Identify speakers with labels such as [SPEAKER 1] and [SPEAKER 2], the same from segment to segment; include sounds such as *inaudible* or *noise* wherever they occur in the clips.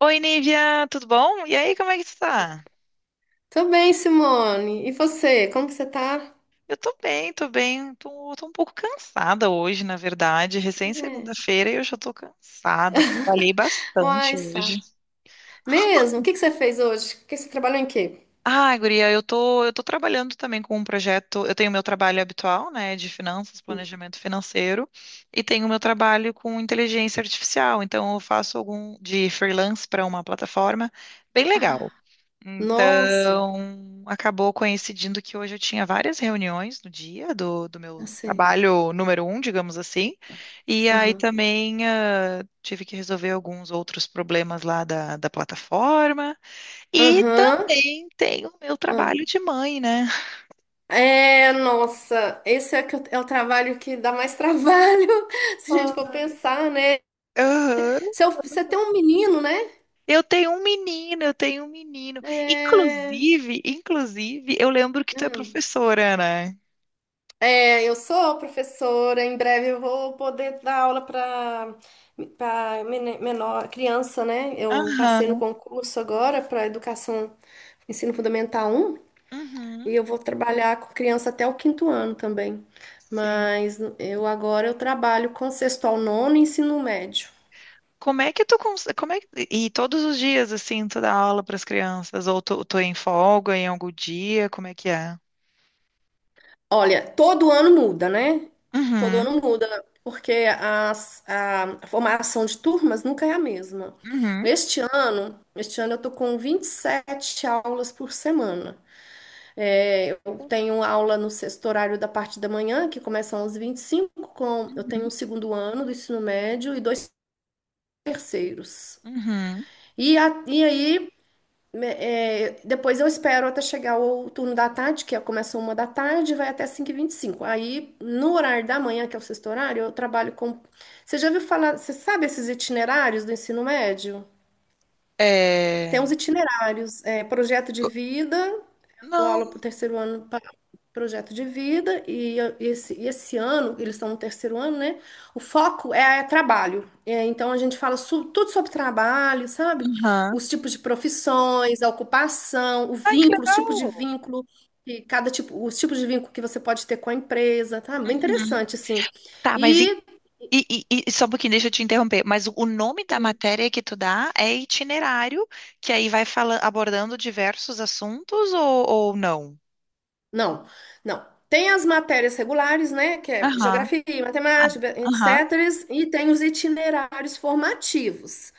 [SPEAKER 1] Oi, Nívia, tudo bom? E aí, como é que tu tá?
[SPEAKER 2] Tô bem, Simone. E você? Como que você tá?
[SPEAKER 1] Eu tô bem, tô bem. Tô um pouco cansada hoje, na verdade. Recém
[SPEAKER 2] É.
[SPEAKER 1] segunda-feira e eu já tô cansada. Trabalhei bastante
[SPEAKER 2] Uai, Sá.
[SPEAKER 1] hoje.
[SPEAKER 2] Mesmo? O que que você fez hoje? O que você trabalhou em quê?
[SPEAKER 1] Ah, guria, eu tô trabalhando também com um projeto. Eu tenho meu trabalho habitual, né, de finanças, planejamento financeiro, e tenho meu trabalho com inteligência artificial. Então, eu faço algum de freelance para uma plataforma bem legal.
[SPEAKER 2] Ah, nossa,
[SPEAKER 1] Então, acabou coincidindo que hoje eu tinha várias reuniões no dia do
[SPEAKER 2] eu
[SPEAKER 1] meu
[SPEAKER 2] sei.
[SPEAKER 1] trabalho número um, digamos assim. E aí
[SPEAKER 2] Aham.
[SPEAKER 1] também tive que resolver alguns outros problemas lá da plataforma. E
[SPEAKER 2] Aham.
[SPEAKER 1] também tenho o meu
[SPEAKER 2] Ah.
[SPEAKER 1] trabalho de mãe, né?
[SPEAKER 2] É, nossa, esse é, é o trabalho que dá mais trabalho, *laughs* se a gente
[SPEAKER 1] Ah.
[SPEAKER 2] for pensar, né?
[SPEAKER 1] Aham.
[SPEAKER 2] Se eu- Você tem um menino, né?
[SPEAKER 1] Eu tenho um menino, eu tenho um menino.
[SPEAKER 2] É.
[SPEAKER 1] Inclusive, inclusive, eu lembro que tu é
[SPEAKER 2] Ah.
[SPEAKER 1] professora, né?
[SPEAKER 2] É, eu sou professora, em breve eu vou poder dar aula para menor criança, né? Eu passei no
[SPEAKER 1] Aham.
[SPEAKER 2] concurso agora para educação ensino fundamental um
[SPEAKER 1] Uhum.
[SPEAKER 2] e eu vou trabalhar com criança até o quinto ano também.
[SPEAKER 1] Sim.
[SPEAKER 2] Mas eu agora eu trabalho com sexto ao nono e ensino médio.
[SPEAKER 1] Como é que tu cons... como é que... E todos os dias, assim, tu dá aula para as crianças? Ou tu é em folga em algum dia? Como é que é?
[SPEAKER 2] Olha, todo ano muda, né? Todo
[SPEAKER 1] Uhum,
[SPEAKER 2] ano muda, porque a formação de turmas nunca é a mesma.
[SPEAKER 1] uhum,
[SPEAKER 2] Este ano eu tô com 27 aulas por semana. É, eu tenho aula no sexto horário da parte da manhã, que começa às 25, com, eu tenho um
[SPEAKER 1] uhum,
[SPEAKER 2] segundo ano do ensino médio e dois terceiros.
[SPEAKER 1] uhum.
[SPEAKER 2] E, e aí depois eu espero até chegar o turno da tarde, que é, começa uma da tarde e vai até 5:25. Aí, no horário da manhã, que é o sexto horário, eu trabalho com. Você já ouviu falar? Você sabe esses itinerários do ensino médio? Tem uns
[SPEAKER 1] É...
[SPEAKER 2] itinerários, é, projeto de vida, eu dou
[SPEAKER 1] Não,
[SPEAKER 2] aula para o terceiro ano projeto de vida e esse ano, eles estão no terceiro ano, né? O foco é, trabalho. É, então a gente fala tudo sobre trabalho, sabe?
[SPEAKER 1] uhum.
[SPEAKER 2] Os tipos de profissões, a ocupação, o
[SPEAKER 1] Ai, que
[SPEAKER 2] vínculo, os
[SPEAKER 1] legal.
[SPEAKER 2] tipos de vínculo, e cada tipo, os tipos de vínculo que você pode ter com a empresa, tá? Bem
[SPEAKER 1] Uhum.
[SPEAKER 2] interessante, assim.
[SPEAKER 1] Tá, mas e,
[SPEAKER 2] E
[SPEAKER 1] e só um pouquinho, deixa eu te interromper. Mas o nome da matéria que tu dá é itinerário, que aí vai fala, abordando diversos assuntos ou não?
[SPEAKER 2] não, não. Tem as matérias regulares, né, que é
[SPEAKER 1] Aham,
[SPEAKER 2] geografia,
[SPEAKER 1] ah,
[SPEAKER 2] matemática,
[SPEAKER 1] aham.
[SPEAKER 2] etc., e tem os itinerários formativos.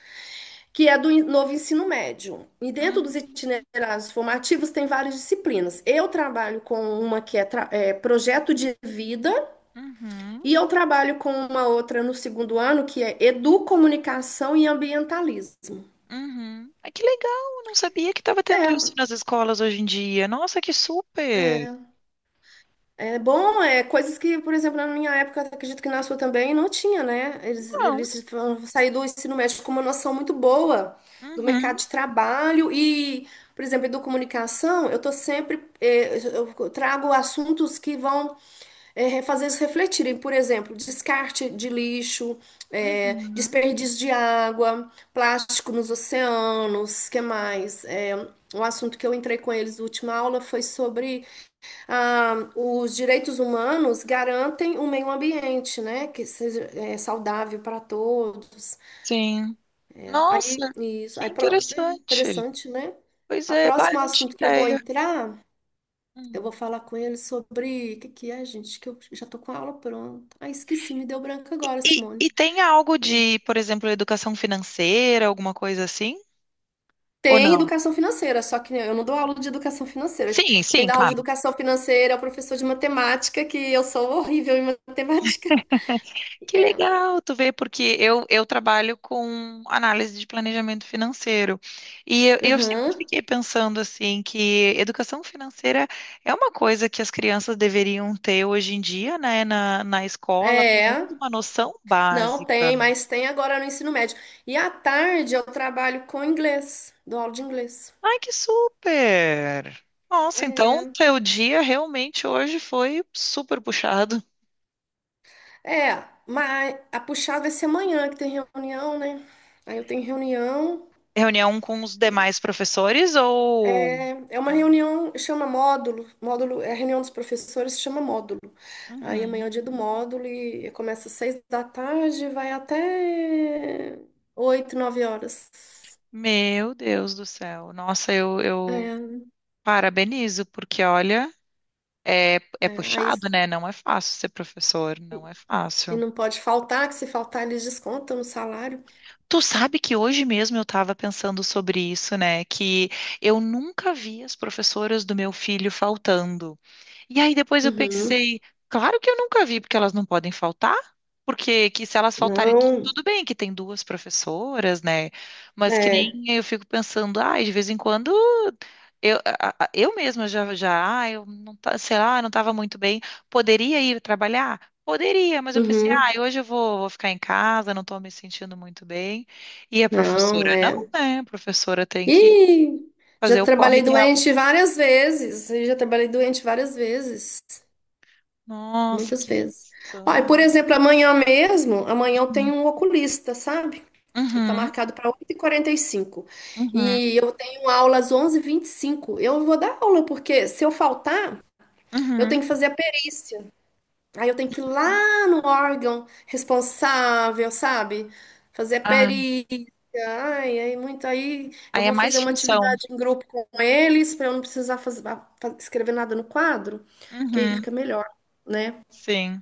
[SPEAKER 2] Que é do novo ensino médio. E dentro
[SPEAKER 1] Hum.
[SPEAKER 2] dos itinerários formativos tem várias disciplinas. Eu trabalho com uma que é, projeto de vida
[SPEAKER 1] Uhum.
[SPEAKER 2] e eu trabalho com uma outra no segundo ano que é educomunicação e ambientalismo.
[SPEAKER 1] Uhum. Ai, que legal, eu não sabia que estava tendo isso nas escolas hoje em dia. Nossa, que super!
[SPEAKER 2] É bom, é coisas que, por exemplo, na minha época, acredito que na sua também não tinha, né? Eles,
[SPEAKER 1] Não.
[SPEAKER 2] eles vão sair do ensino médio com uma noção muito boa do
[SPEAKER 1] Uhum.
[SPEAKER 2] mercado de trabalho e, por exemplo, educomunicação, eu tô sempre, eu trago assuntos que vão fazer eles refletirem, por exemplo, descarte de lixo,
[SPEAKER 1] Uhum.
[SPEAKER 2] desperdício de água, plástico nos oceanos, que mais? É, um assunto que eu entrei com eles na última aula foi sobre os direitos humanos garantem um meio ambiente, né? Que seja saudável para todos.
[SPEAKER 1] Sim.
[SPEAKER 2] É, aí,
[SPEAKER 1] Nossa,
[SPEAKER 2] isso,
[SPEAKER 1] que
[SPEAKER 2] aí, é
[SPEAKER 1] interessante.
[SPEAKER 2] interessante, né?
[SPEAKER 1] Pois
[SPEAKER 2] O
[SPEAKER 1] é, bah,
[SPEAKER 2] próximo
[SPEAKER 1] eu não tinha
[SPEAKER 2] assunto que eu vou
[SPEAKER 1] ideia.
[SPEAKER 2] entrar eu
[SPEAKER 1] Hum.
[SPEAKER 2] vou falar com ele sobre o que que é, gente, que eu já tô com a aula pronta. Ah, esqueci, me deu branco agora, Simone.
[SPEAKER 1] E tem algo de, por exemplo, educação financeira, alguma coisa assim? Ou
[SPEAKER 2] Tem
[SPEAKER 1] não?
[SPEAKER 2] educação financeira, só que eu não dou aula de educação financeira.
[SPEAKER 1] Sim,
[SPEAKER 2] Quem
[SPEAKER 1] sim,
[SPEAKER 2] dá aula de
[SPEAKER 1] claro.
[SPEAKER 2] educação financeira é o professor de matemática, que eu sou horrível em matemática.
[SPEAKER 1] Que
[SPEAKER 2] É.
[SPEAKER 1] legal, tu vê, porque eu trabalho com análise de planejamento financeiro. E eu sempre
[SPEAKER 2] Aham.
[SPEAKER 1] fiquei pensando assim que educação financeira é uma coisa que as crianças deveriam ter hoje em dia, né, na escola, pelo
[SPEAKER 2] É.
[SPEAKER 1] menos uma noção
[SPEAKER 2] Não
[SPEAKER 1] básica.
[SPEAKER 2] tem, mas tem agora no ensino médio. E à tarde eu trabalho com inglês, dou aula de inglês.
[SPEAKER 1] Ai, que super! Nossa, então teu dia realmente hoje foi super puxado.
[SPEAKER 2] É, mas a puxada vai ser amanhã, que tem reunião, né? Aí eu tenho reunião.
[SPEAKER 1] Reunião com os demais professores ou.
[SPEAKER 2] É uma
[SPEAKER 1] Ah,
[SPEAKER 2] reunião, chama módulo. Módulo é a reunião dos professores, chama módulo. Aí amanhã é
[SPEAKER 1] uhum.
[SPEAKER 2] o dia do módulo e começa às seis da tarde, vai até oito, nove horas.
[SPEAKER 1] Meu Deus do céu. Nossa, eu
[SPEAKER 2] É,
[SPEAKER 1] parabenizo, porque olha, é, é
[SPEAKER 2] é, aí,
[SPEAKER 1] puxado, né? Não é fácil ser professor, não é
[SPEAKER 2] e
[SPEAKER 1] fácil.
[SPEAKER 2] não pode faltar, que se faltar eles descontam no salário.
[SPEAKER 1] Tu sabe que hoje mesmo eu estava pensando sobre isso, né? Que eu nunca vi as professoras do meu filho faltando. E aí depois eu
[SPEAKER 2] Uhum.
[SPEAKER 1] pensei, claro que eu nunca vi, porque elas não podem faltar. Porque que se elas faltarem,
[SPEAKER 2] Não,
[SPEAKER 1] tudo bem que tem duas professoras, né? Mas que
[SPEAKER 2] é.
[SPEAKER 1] nem eu fico pensando, ai, de vez em quando eu mesma eu não tá, sei lá, não estava muito bem. Poderia ir trabalhar? Poderia, mas eu pensei,
[SPEAKER 2] Uhum.
[SPEAKER 1] ah, hoje eu vou ficar em casa, não estou me sentindo muito bem. E a
[SPEAKER 2] Não,
[SPEAKER 1] professora não,
[SPEAKER 2] é.
[SPEAKER 1] né? A professora tem que
[SPEAKER 2] E já
[SPEAKER 1] fazer o corre
[SPEAKER 2] trabalhei
[SPEAKER 1] dela.
[SPEAKER 2] doente várias vezes, e já trabalhei doente várias vezes.
[SPEAKER 1] Nossa,
[SPEAKER 2] Muitas
[SPEAKER 1] que
[SPEAKER 2] vezes. Olha, por
[SPEAKER 1] função.
[SPEAKER 2] exemplo, amanhã mesmo, amanhã eu
[SPEAKER 1] Uhum.
[SPEAKER 2] tenho um oculista, sabe? Está
[SPEAKER 1] Uhum.
[SPEAKER 2] marcado para oito e quarenta e cinco.
[SPEAKER 1] Uhum,
[SPEAKER 2] E eu tenho aula às 11:25. Eu vou dar aula, porque se eu faltar, eu
[SPEAKER 1] uhum.
[SPEAKER 2] tenho que fazer a perícia. Aí eu tenho que ir lá no órgão responsável, sabe? Fazer a
[SPEAKER 1] Ah,
[SPEAKER 2] perícia. Ai, aí muito aí. Eu
[SPEAKER 1] aí é
[SPEAKER 2] vou
[SPEAKER 1] mais
[SPEAKER 2] fazer uma
[SPEAKER 1] função.
[SPEAKER 2] atividade em grupo com eles, para eu não precisar escrever nada no quadro, que aí
[SPEAKER 1] Uhum,
[SPEAKER 2] fica melhor, né?
[SPEAKER 1] sim.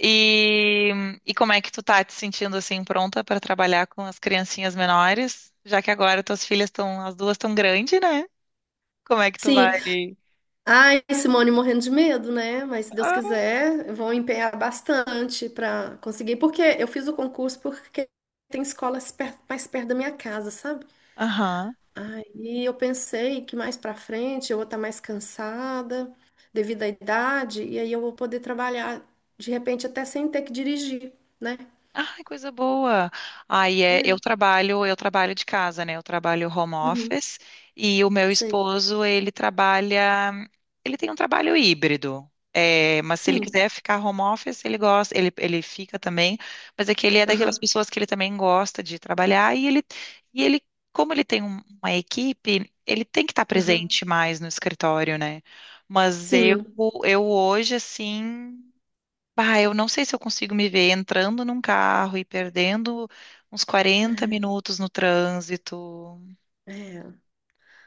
[SPEAKER 1] E, e como é que tu tá te sentindo assim pronta para trabalhar com as criancinhas menores? Já que agora tuas filhas estão, as duas estão grandes, né? Como é que tu vai?
[SPEAKER 2] Sim, ai, Simone, morrendo de medo, né? Mas se Deus
[SPEAKER 1] Ah.
[SPEAKER 2] quiser, eu vou empenhar bastante para conseguir. Porque eu fiz o concurso porque tem escolas mais perto da minha casa, sabe?
[SPEAKER 1] Aham.
[SPEAKER 2] Aí eu pensei que mais para frente eu vou estar mais cansada devido à idade, e aí eu vou poder trabalhar de repente até sem ter que dirigir, né?
[SPEAKER 1] Ai, coisa boa. Aí é,
[SPEAKER 2] É,
[SPEAKER 1] eu trabalho de casa, né? Eu trabalho home
[SPEAKER 2] uhum,
[SPEAKER 1] office e o meu
[SPEAKER 2] sei.
[SPEAKER 1] esposo, ele trabalha, ele tem um trabalho híbrido. É, mas se ele quiser
[SPEAKER 2] Sim.
[SPEAKER 1] ficar home office, ele gosta, ele fica também, mas é que ele é daquelas
[SPEAKER 2] Aham,
[SPEAKER 1] pessoas que ele também gosta de trabalhar e ele, como ele tem uma equipe, ele tem que estar
[SPEAKER 2] aham.
[SPEAKER 1] presente mais no escritório, né? Mas
[SPEAKER 2] Sim.
[SPEAKER 1] eu hoje, assim. Bah, eu não sei se eu consigo me ver entrando num carro e perdendo uns quarenta
[SPEAKER 2] É,
[SPEAKER 1] minutos no trânsito.
[SPEAKER 2] é,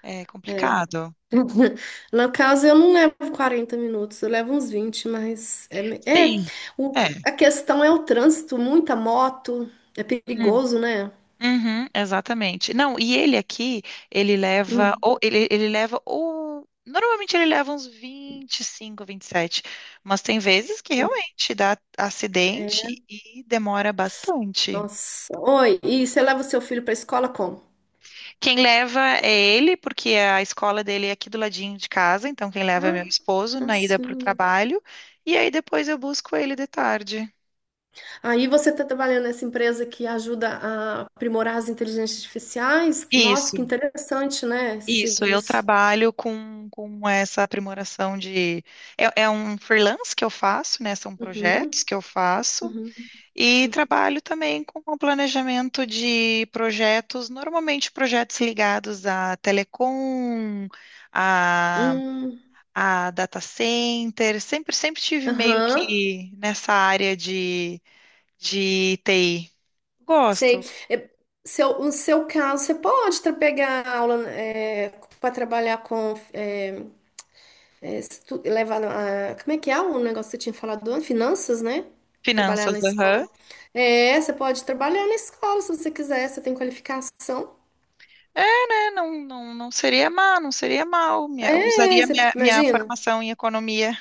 [SPEAKER 1] É
[SPEAKER 2] é.
[SPEAKER 1] complicado.
[SPEAKER 2] *laughs* No caso, eu não levo 40 minutos, eu levo uns 20, mas
[SPEAKER 1] Sim.
[SPEAKER 2] o-
[SPEAKER 1] É.
[SPEAKER 2] a questão é o trânsito, muita moto, é
[SPEAKER 1] Hum,
[SPEAKER 2] perigoso, né?
[SPEAKER 1] uhum, exatamente. Não, e ele aqui,
[SPEAKER 2] Hum,
[SPEAKER 1] ele leva, ou normalmente ele leva uns 25, sete, mas tem vezes que realmente dá acidente
[SPEAKER 2] é,
[SPEAKER 1] e demora bastante.
[SPEAKER 2] nossa. Oi, e você leva o seu filho para a escola como?
[SPEAKER 1] Quem leva é ele, porque a escola dele é aqui do ladinho de casa, então quem leva é
[SPEAKER 2] Ah,
[SPEAKER 1] meu esposo na ida para o
[SPEAKER 2] facinho.
[SPEAKER 1] trabalho, e aí depois eu busco ele de tarde.
[SPEAKER 2] Aí você está trabalhando nessa empresa que ajuda a aprimorar as inteligências artificiais? Nossa,
[SPEAKER 1] Isso,
[SPEAKER 2] que interessante, né? Esse
[SPEAKER 1] isso, eu
[SPEAKER 2] serviço.
[SPEAKER 1] trabalho com essa aprimoração de. É, é um freelance que eu faço, né? São projetos
[SPEAKER 2] Uhum,
[SPEAKER 1] que eu faço,
[SPEAKER 2] uhum,
[SPEAKER 1] e
[SPEAKER 2] uhum.
[SPEAKER 1] trabalho também com o planejamento de projetos, normalmente projetos ligados a telecom,
[SPEAKER 2] Hum,
[SPEAKER 1] a data center, sempre, sempre tive meio
[SPEAKER 2] aham.
[SPEAKER 1] que nessa área de TI.
[SPEAKER 2] Sei.
[SPEAKER 1] Gosto.
[SPEAKER 2] É, no seu caso, você pode pegar aula para trabalhar com. Se levar como é que é o negócio que você tinha falado, antes? Finanças, né? Trabalhar
[SPEAKER 1] Finanças,
[SPEAKER 2] na
[SPEAKER 1] aham.
[SPEAKER 2] escola. É, você pode trabalhar na escola se você quiser, você tem qualificação.
[SPEAKER 1] É, né? Não, não, não seria mal, não seria mal. Eu
[SPEAKER 2] É,
[SPEAKER 1] usaria
[SPEAKER 2] você
[SPEAKER 1] minha
[SPEAKER 2] imagina?
[SPEAKER 1] formação em economia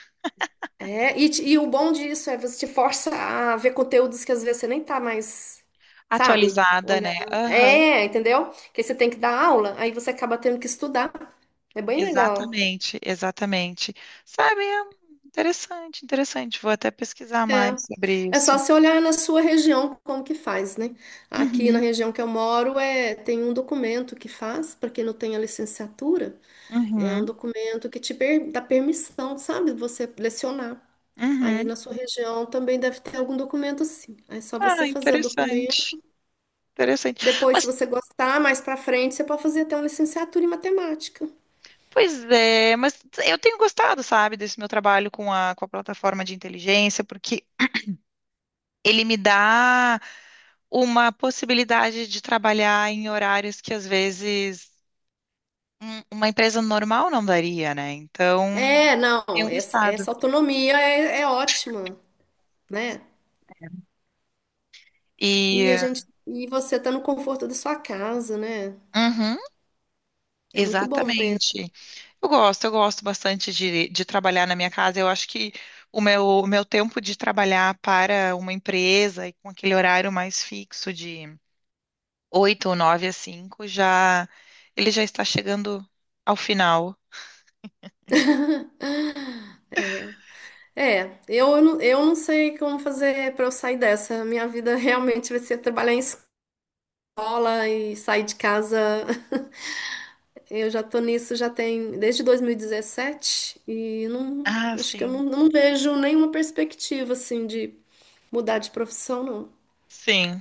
[SPEAKER 2] É, e o bom disso é você te força a ver conteúdos que às vezes você nem tá mais, sabe,
[SPEAKER 1] atualizada, né?
[SPEAKER 2] olhando.
[SPEAKER 1] Aham,
[SPEAKER 2] É, entendeu? Que você tem que dar aula, aí você acaba tendo que estudar. É bem legal.
[SPEAKER 1] exatamente, exatamente. Sabe, é interessante, interessante. Vou até pesquisar
[SPEAKER 2] É.
[SPEAKER 1] mais sobre
[SPEAKER 2] É
[SPEAKER 1] isso.
[SPEAKER 2] só você olhar na sua região como que faz, né? Aqui na
[SPEAKER 1] Uhum,
[SPEAKER 2] região que eu moro é tem um documento que faz para quem não tem a licenciatura, é um
[SPEAKER 1] uhum,
[SPEAKER 2] documento que te dá permissão, sabe, de você lecionar. Aí
[SPEAKER 1] uhum.
[SPEAKER 2] na sua região também deve ter algum documento assim. Aí é só
[SPEAKER 1] Ah,
[SPEAKER 2] você fazer o documento.
[SPEAKER 1] interessante, interessante.
[SPEAKER 2] Depois, se
[SPEAKER 1] Mas
[SPEAKER 2] você gostar, mais pra frente, você pode fazer até uma licenciatura em matemática.
[SPEAKER 1] pois é, mas eu tenho gostado, sabe, desse meu trabalho com a plataforma de inteligência, porque ele me dá uma possibilidade de trabalhar em horários que às vezes uma empresa normal não daria, né? Então,
[SPEAKER 2] É, não,
[SPEAKER 1] tenho
[SPEAKER 2] essa,
[SPEAKER 1] gostado.
[SPEAKER 2] essa autonomia é ótima, né? E
[SPEAKER 1] E,
[SPEAKER 2] a gente, e você tá no conforto da sua casa, né?
[SPEAKER 1] uhum,
[SPEAKER 2] É muito bom mesmo.
[SPEAKER 1] exatamente. Eu gosto bastante de trabalhar na minha casa. Eu acho que o meu tempo de trabalhar para uma empresa e com aquele horário mais fixo de 8 ou 9 às 5, já ele já está chegando ao final.
[SPEAKER 2] *laughs* É, eu, eu não sei como fazer pra eu sair dessa. Minha vida realmente vai ser trabalhar em escola e sair de casa. Eu já tô nisso já tem desde 2017 e dezessete e não
[SPEAKER 1] Ah,
[SPEAKER 2] acho que eu
[SPEAKER 1] sim,
[SPEAKER 2] não, não vejo nenhuma perspectiva assim de mudar de profissão, não.
[SPEAKER 1] sim.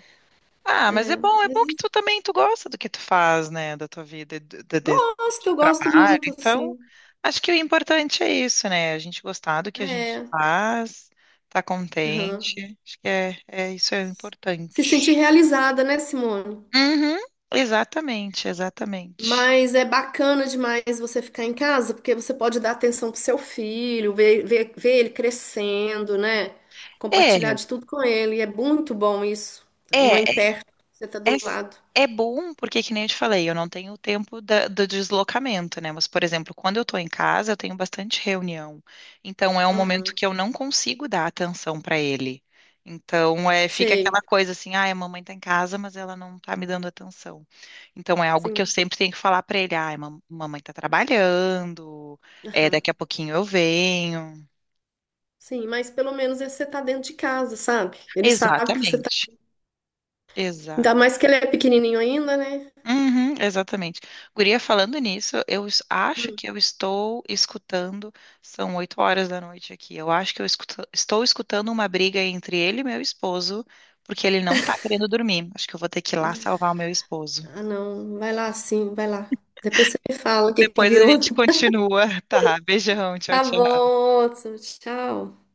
[SPEAKER 1] Ah, mas
[SPEAKER 2] É,
[SPEAKER 1] é
[SPEAKER 2] mas
[SPEAKER 1] bom que tu também tu gosta do que tu faz, né, da tua vida,
[SPEAKER 2] gosto, eu
[SPEAKER 1] de
[SPEAKER 2] gosto
[SPEAKER 1] trabalho.
[SPEAKER 2] muito,
[SPEAKER 1] Então,
[SPEAKER 2] assim.
[SPEAKER 1] acho que o importante é isso, né? A gente gostar do que a gente
[SPEAKER 2] É,
[SPEAKER 1] faz, tá
[SPEAKER 2] aham.
[SPEAKER 1] contente. Acho que é, é isso é
[SPEAKER 2] Se sentir
[SPEAKER 1] importante.
[SPEAKER 2] realizada, né, Simone?
[SPEAKER 1] Uhum, exatamente, exatamente.
[SPEAKER 2] Mas é bacana demais você ficar em casa, porque você pode dar atenção pro seu filho, ver ele crescendo, né?
[SPEAKER 1] É,
[SPEAKER 2] Compartilhar de tudo com ele. E é muito bom isso. A mãe
[SPEAKER 1] é,
[SPEAKER 2] perto, você tá
[SPEAKER 1] é,
[SPEAKER 2] do lado.
[SPEAKER 1] é bom, porque que nem eu te falei, eu não tenho o tempo do deslocamento, né? Mas, por exemplo, quando eu tô em casa, eu tenho bastante reunião. Então, é um momento
[SPEAKER 2] Aham.
[SPEAKER 1] que eu não consigo dar atenção para ele. Então, é, fica
[SPEAKER 2] Sei,
[SPEAKER 1] aquela coisa assim, ah, a mamãe tá em casa, mas ela não tá me dando atenção. Então, é algo que eu
[SPEAKER 2] sim,
[SPEAKER 1] sempre tenho que falar para ele, ah, mamãe tá trabalhando, é,
[SPEAKER 2] aham.
[SPEAKER 1] daqui a pouquinho eu venho.
[SPEAKER 2] Sim, mas pelo menos esse você tá dentro de casa, sabe? Ele sabe que você tá.
[SPEAKER 1] Exatamente.
[SPEAKER 2] Ainda mais que ele é pequenininho ainda, né?
[SPEAKER 1] Uhum, exatamente. Guria, falando nisso, acho
[SPEAKER 2] Hum.
[SPEAKER 1] que eu estou escutando, são 8 horas da noite aqui, eu acho que estou escutando uma briga entre ele e meu esposo, porque ele não tá querendo dormir. Acho que eu vou ter que ir lá salvar o meu esposo.
[SPEAKER 2] Ah, não, vai lá sim, vai lá. Depois você me fala o que que
[SPEAKER 1] Depois a
[SPEAKER 2] virou.
[SPEAKER 1] gente
[SPEAKER 2] *laughs*
[SPEAKER 1] continua, *laughs* tá? Beijão, tchau,
[SPEAKER 2] Tá
[SPEAKER 1] tchau.
[SPEAKER 2] bom, Hudson, tchau.